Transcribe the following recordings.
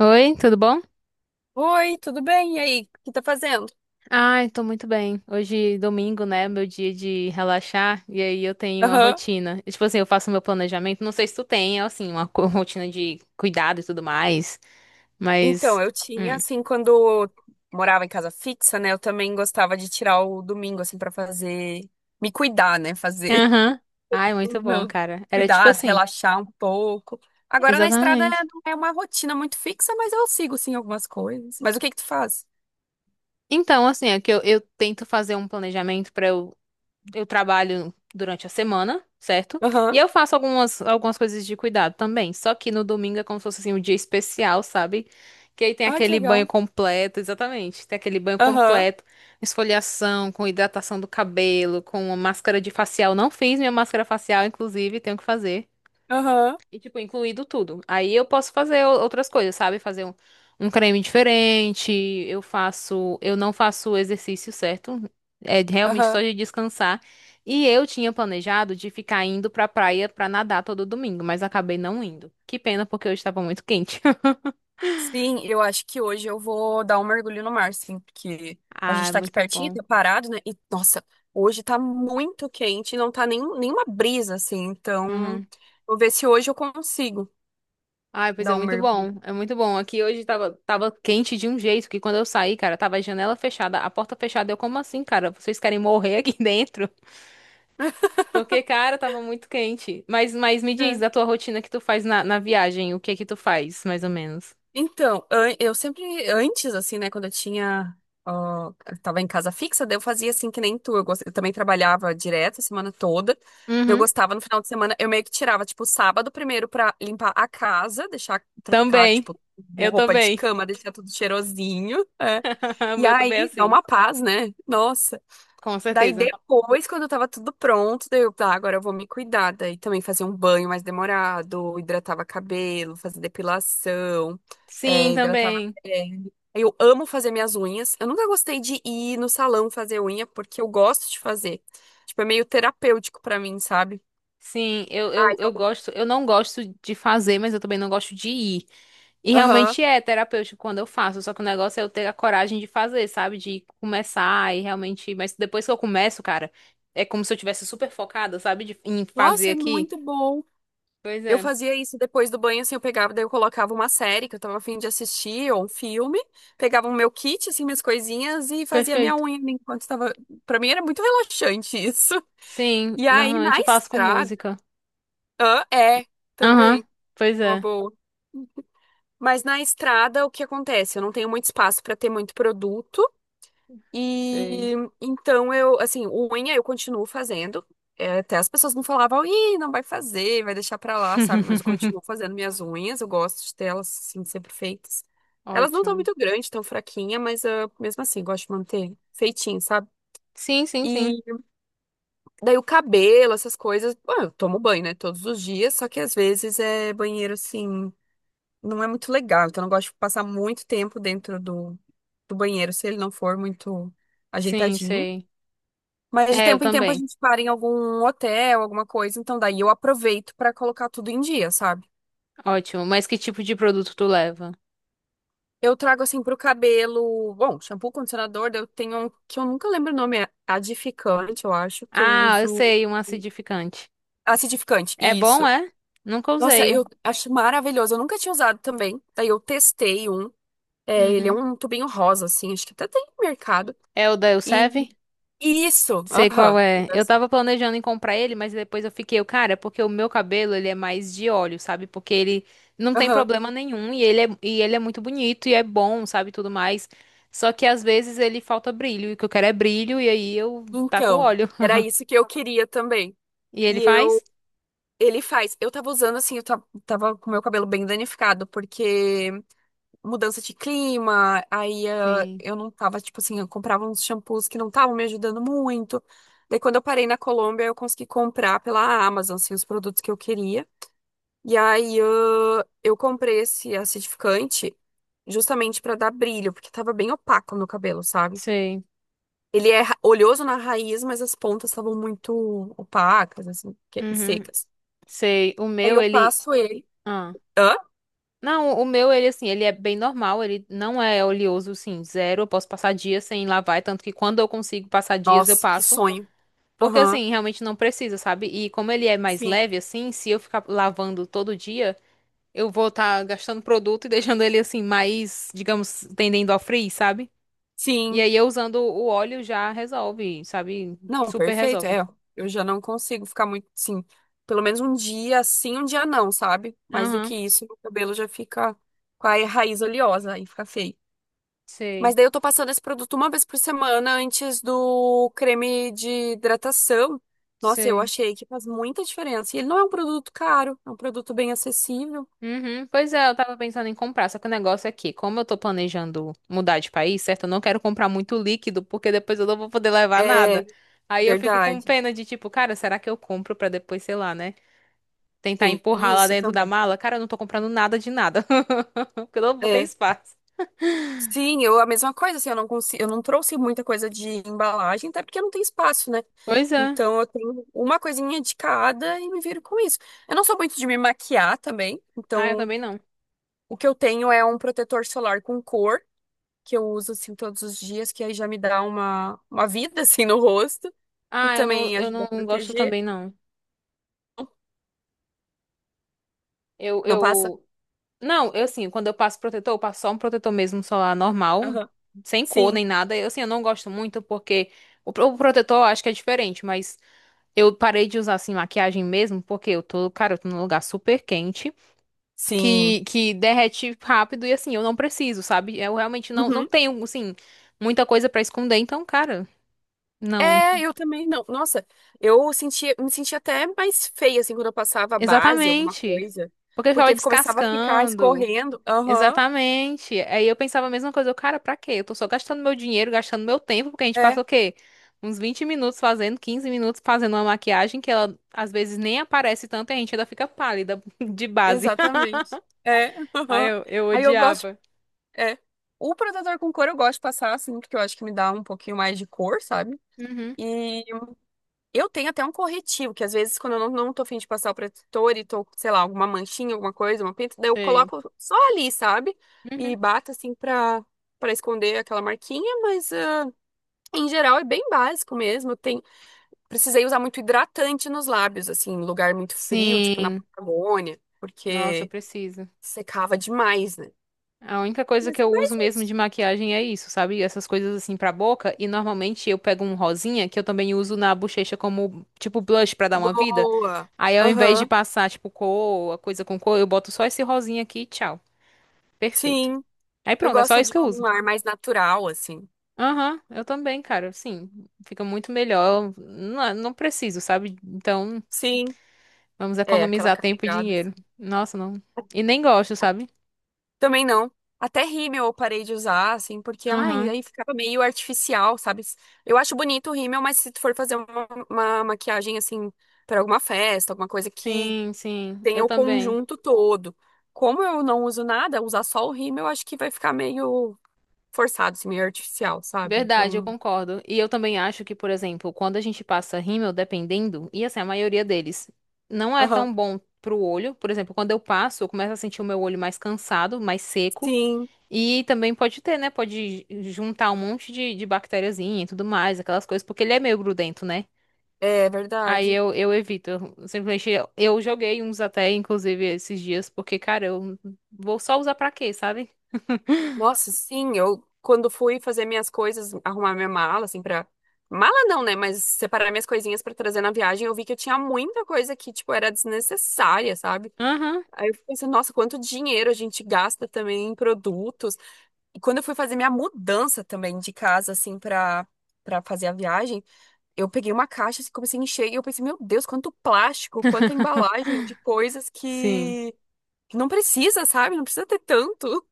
Oi, tudo bom? Oi, tudo bem? E aí, o que tá fazendo? Ai, tô muito bem. Hoje, domingo, né? Meu dia de relaxar. E aí eu tenho a Aham. rotina. E, tipo assim, eu faço meu planejamento. Não sei se tu tem, assim, uma rotina de cuidado e tudo mais. Então, Mas. eu tinha, Hum. assim, quando eu morava em casa fixa, né? Eu também gostava de tirar o domingo, assim, pra fazer, me cuidar, né? Fazer Aham. Ai, muito os bom, meus cara. Era tipo cuidados, assim. relaxar um pouco. Agora na estrada Exatamente. não é uma rotina muito fixa, mas eu sigo, sim, algumas coisas. Mas o que que tu faz? Então, assim, é que eu tento fazer um planejamento pra eu trabalho durante a semana, certo? E Aham. eu faço algumas coisas de cuidado também. Só que no domingo é como se fosse assim, um dia especial, sabe? Que aí tem Ah, que aquele banho legal. completo, exatamente. Tem aquele banho Aham, completo, esfoliação, com hidratação do cabelo, com uma máscara de facial. Não fiz minha máscara facial, inclusive, tenho que fazer. aham, E, tipo, incluído tudo. Aí eu posso fazer outras coisas, sabe? Fazer um, um creme diferente. Eu faço. Eu não faço o exercício certo. É realmente só aham. de descansar. E eu tinha planejado de ficar indo pra praia pra nadar todo domingo, mas acabei não indo. Que pena, porque hoje estava muito quente. Sim, eu acho que hoje eu vou dar um mergulho no mar, sim, porque a Ah, gente é tá aqui muito pertinho, bom. tá parado, né? E, nossa, hoje tá muito quente, não tá nem, nenhuma brisa, assim, então Uhum. vou ver se hoje eu consigo Ai, pois é dar um muito mergulho. bom. É muito bom. Aqui hoje tava quente de um jeito que quando eu saí, cara, tava a janela fechada, a porta fechada. Eu, como assim, cara? Vocês querem morrer aqui dentro? Porque, cara, tava muito quente. Mas me diz da tua rotina que tu faz na viagem, o que que tu faz, mais ou menos? Eu sempre, antes, assim, né, quando eu tinha, ó, eu tava em casa fixa, daí eu fazia assim que nem tu, eu também trabalhava direto a semana toda, daí eu Uhum. gostava no final de semana, eu meio que tirava, tipo, sábado primeiro pra limpar a casa, deixar, trocar, Também. tipo, Eu roupa de também. cama, deixar tudo cheirosinho, é. O E meu também é aí, dá assim. uma paz, né? Nossa. Com Daí certeza. depois, quando tava tudo pronto, daí eu, tá, agora eu vou me cuidar. Daí também fazer um banho mais demorado, hidratava cabelo, fazia depilação, Sim, é, hidratava também. pele. Eu amo fazer minhas unhas. Eu nunca gostei de ir no salão fazer unha, porque eu gosto de fazer. Tipo, é meio terapêutico pra mim, sabe? Sim, eu, eu, Ai, eu eu- gosto, eu não gosto de fazer, mas eu também não gosto de ir. E Aham. realmente é terapêutico quando eu faço, só que o negócio é eu ter a coragem de fazer, sabe? De começar e realmente. Mas depois que eu começo, cara, é como se eu tivesse super focada, sabe? De, em fazer Nossa, é aqui. muito bom. Pois Eu é. fazia isso depois do banho, assim, eu pegava, daí eu colocava uma série que eu tava a fim de assistir, ou um filme, pegava o meu kit, assim, minhas coisinhas e fazia minha Perfeito. unha enquanto tava. Pra mim era muito relaxante isso. Sim, E aí na normalmente eu faço com estrada. música. Hã? É, Aham, também, pois uma é. boa. Mas na estrada, o que acontece? Eu não tenho muito espaço pra ter muito produto. E Sei. então eu, assim, unha eu continuo fazendo. É, até as pessoas não falavam, ih, não vai fazer, vai deixar pra lá, sabe? Mas eu continuo fazendo minhas unhas, eu gosto de ter elas, assim, sempre feitas. Elas não estão Ótimo. muito grandes, tão fraquinhas, mas ah, mesmo assim, gosto de manter feitinho, sabe? Sim, sim, E sim. daí o cabelo, essas coisas, bom, eu tomo banho, né, todos os dias, só que às vezes é banheiro, assim, não é muito legal, então eu não gosto de passar muito tempo dentro do, do banheiro se ele não for muito Sim, ajeitadinho. sei. Mas de É, eu tempo em tempo a também. gente para em algum hotel, alguma coisa, então daí eu aproveito pra colocar tudo em dia, sabe? Ótimo. Mas que tipo de produto tu leva? Eu trago assim pro cabelo, bom, shampoo, condicionador, daí eu tenho um que eu nunca lembro o nome, é adificante, eu acho, que eu Ah, eu uso sei, um acidificante. acidificante, É bom, isso. é? Nunca Nossa, eu usei. acho maravilhoso, eu nunca tinha usado também. Daí eu testei um, é, ele é Uhum. um tubinho rosa assim, acho que até tem no mercado. É o da E Elseve? isso, Sei qual aham. é. Eu tava planejando em comprar ele, mas depois eu fiquei, eu, cara, porque o meu cabelo, ele é mais de óleo, sabe? Porque ele não tem Aham. problema nenhum e ele é muito bonito e é bom, sabe? Tudo mais. Só que às vezes ele falta brilho, e o que eu quero é brilho, e aí eu taco o Então, óleo. era isso que eu queria também. E ele E eu faz? Ele faz. Eu tava usando assim, tava com meu cabelo bem danificado, porque mudança de clima, aí eh, Sim, eu não tava, tipo assim, eu comprava uns shampoos que não estavam me ajudando muito. Daí quando eu parei na Colômbia, eu consegui comprar pela Amazon, assim, os produtos que eu queria. E aí eh, eu comprei esse acidificante justamente pra dar brilho, porque tava bem opaco no cabelo, sabe? sei. Oleoso na raiz, mas as pontas estavam muito opacas, assim, e Uhum, secas. sei. O Aí meu, eu ele. passo ele. Ah. Hã? Não, o meu, ele assim, ele é bem normal, ele não é oleoso, assim, zero. Eu posso passar dias sem lavar, tanto que quando eu consigo passar dias, eu Nossa, que passo. sonho. Porque Aham, assim, realmente não precisa, sabe? E como ele é mais sim. leve assim, se eu ficar lavando todo dia, eu vou estar gastando produto e deixando ele assim mais, digamos, tendendo ao frizz, sabe? E Sim. aí eu usando o óleo já resolve, sabe? Não, Super perfeito, resolve. é. Eu já não consigo ficar muito, sim. Pelo menos um dia sim, um dia não, sabe? Mais do que Aham, isso, meu cabelo já fica com a raiz oleosa e fica feio. Mas sei, daí eu tô passando esse produto uma vez por semana antes do creme de hidratação. Nossa, eu sei. achei que faz muita diferença. E ele não é um produto caro, é um produto bem acessível. Uhum, pois é, eu tava pensando em comprar, só que o negócio é que, como eu tô planejando mudar de país, certo? Eu não quero comprar muito líquido, porque depois eu não vou poder levar nada. É, Aí eu fico com verdade. pena de tipo, cara, será que eu compro pra depois, sei lá, né? Tentar Tem empurrar lá isso dentro da também. mala, cara, eu não tô comprando nada de nada. Porque eu não vou ter É. espaço. Sim, eu a mesma coisa, assim, eu não consigo, eu não trouxe muita coisa de embalagem, até porque não tem espaço, né? Pois é. Então eu tenho uma coisinha de cada e me viro com isso. Eu não sou muito de me maquiar também, Ah, eu então também não. o que eu tenho é um protetor solar com cor, que eu uso assim todos os dias, que aí já me dá uma vida assim no rosto e Ah, eu não, também eu ajuda a não gosto proteger. também, não. Eu, Não passa? eu. Não, eu assim, quando eu passo protetor, eu passo só um protetor mesmo solar normal, Aham. sem cor Sim, nem nada. Eu assim, eu não gosto muito porque o protetor eu acho que é diferente, mas eu parei de usar assim maquiagem mesmo porque eu tô, cara, eu tô num lugar super quente. sim. Que derrete rápido e assim, eu não preciso, sabe? Eu realmente não tenho, assim, muita coisa pra esconder, então, cara, não. É, eu também não. Nossa, eu sentia, me sentia até mais feia, assim, quando eu passava a base, alguma Exatamente. coisa. Porque eu ficava Porque começava a ficar descascando. escorrendo. Aham, Exatamente. Aí eu pensava a mesma coisa, eu, cara, pra quê? Eu tô só gastando meu dinheiro, gastando meu tempo, porque a gente passa é, o quê? Uns 20 minutos fazendo, 15 minutos fazendo uma maquiagem que ela às vezes nem aparece tanto e a gente ainda fica pálida de base. exatamente. É, Aí aham. eu Aí eu gosto, odiava. é. O protetor com cor eu gosto de passar, assim, porque eu acho que me dá um pouquinho mais de cor, sabe? Uhum. E eu tenho até um corretivo, que às vezes, quando eu não, não tô a fim de passar o protetor e tô, sei lá, alguma manchinha, alguma coisa, uma pinta, daí eu Sei. coloco só ali, sabe? E Uhum. bato assim pra, pra esconder aquela marquinha, mas ah, em geral é bem básico mesmo. Tem, precisei usar muito hidratante nos lábios, assim, em lugar muito frio, tipo na Sim. Patagônia, Nossa, eu porque preciso. secava demais, né? A única coisa Mas que é eu mais uso mesmo de isso. maquiagem é isso, sabe? Essas coisas assim pra boca. E normalmente eu pego um rosinha, que eu também uso na bochecha como, tipo, blush pra dar uma vida. Boa. Aí ao invés de Aham. passar, tipo, cor, a coisa com cor, eu boto só esse rosinha aqui e tchau. Perfeito. Sim. Aí Eu pronto, é só gosto isso de que eu uso. um ar mais natural, assim. Aham, eu também, cara. Sim, fica muito melhor. Não, não preciso, sabe? Então, Sim. vamos É, aquela economizar tempo e carregada. Assim. dinheiro. Nossa, não. E nem gosto, sabe? Também não. Até rímel eu parei de usar, assim, porque ai, Aham. aí ficava meio artificial, sabe? Eu acho bonito o rímel, mas se tu for fazer uma maquiagem, assim, para alguma festa, alguma coisa que Sim, sim, tenha eu o também. conjunto todo. Como eu não uso nada, usar só o rímel, eu acho que vai ficar meio forçado, assim, meio artificial, sabe? Verdade, eu Então, concordo. E eu também acho que, por exemplo, quando a gente passa rímel, dependendo, e assim, a maioria deles não é aham. tão bom pro olho. Por exemplo, quando eu passo, eu começo a sentir o meu olho mais cansado, mais seco. Sim, E também pode ter, né? Pode juntar um monte de bactériazinha e tudo mais, aquelas coisas, porque ele é meio grudento, né? é Aí verdade. eu evito. Eu simplesmente eu joguei uns até, inclusive, esses dias, porque, cara, eu vou só usar pra quê, sabe? Nossa, sim, eu quando fui fazer minhas coisas, arrumar minha mala, assim, pra. Mala não, né? Mas separar minhas coisinhas pra trazer na viagem, eu vi que eu tinha muita coisa que, tipo, era desnecessária, sabe? Aham. Aí eu pensei, nossa, quanto dinheiro a gente gasta também em produtos. E quando eu fui fazer minha mudança também de casa, assim, pra, pra fazer a viagem, eu peguei uma caixa e comecei a encher e eu pensei, meu Deus, quanto plástico, quanta embalagem de coisas Sim. que não precisa, sabe? Não precisa ter tanto.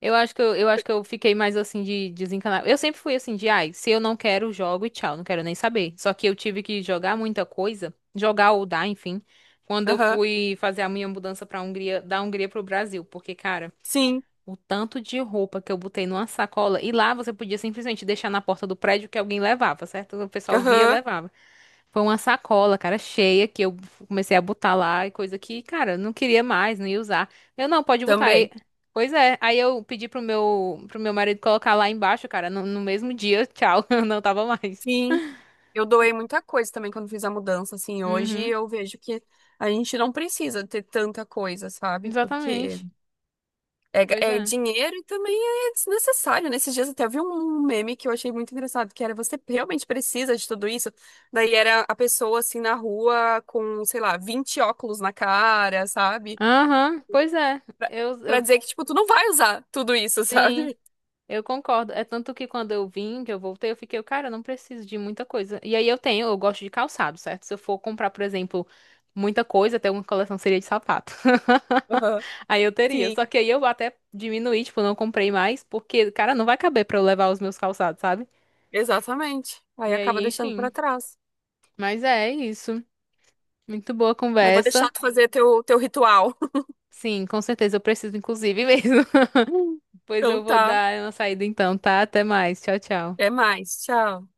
Eu acho que eu fiquei mais assim de desencanar. Eu sempre fui assim de, ai, se eu não quero, jogo e tchau, não quero nem saber. Só que eu tive que jogar muita coisa, jogar ou dar, enfim, quando eu Aham. fui fazer a minha mudança pra Hungria, da Hungria pro Brasil, porque cara, Sim. o tanto de roupa que eu botei numa sacola e lá você podia simplesmente deixar na porta do prédio que alguém levava, certo? O pessoal via, Aham. levava. Foi uma sacola, cara, cheia, que eu comecei a botar lá, e coisa que, cara, eu não queria mais, não ia usar. Eu, não, pode botar aí. Também. Pois é, aí eu pedi pro meu marido colocar lá embaixo, cara, no mesmo dia, tchau, eu não tava mais. Sim, eu doei muita coisa também quando fiz a mudança, assim, hoje Uhum, eu vejo que a gente não precisa ter tanta coisa, sabe? Porque exatamente. Pois é é. dinheiro e também é desnecessário. Nesses dias até vi um meme que eu achei muito engraçado, que era você realmente precisa de tudo isso? Daí era a pessoa, assim, na rua com, sei lá, 20 óculos na cara, sabe? Aham, pois é. Pra, pra Eu, dizer que, tipo, tu não vai usar tudo isso, sim. sabe? Eu concordo. É tanto que quando eu vim, que eu voltei, eu fiquei, cara, eu não preciso de muita coisa. E aí eu tenho, eu gosto de calçado, certo? Se eu for comprar, por exemplo, muita coisa, até uma coleção seria de sapato. Aham. Aí eu teria. Sim, Só que aí eu até diminuí, tipo, não comprei mais, porque, cara, não vai caber pra eu levar os meus calçados, sabe? exatamente. Aí E aí, acaba deixando enfim. pra trás. Mas é isso. Muito boa Mas vou conversa. deixar tu fazer teu, teu ritual. Sim, com certeza eu preciso, inclusive mesmo. Pois Então eu vou tá. dar uma saída então, tá? Até mais. Tchau, tchau. Até mais. Tchau.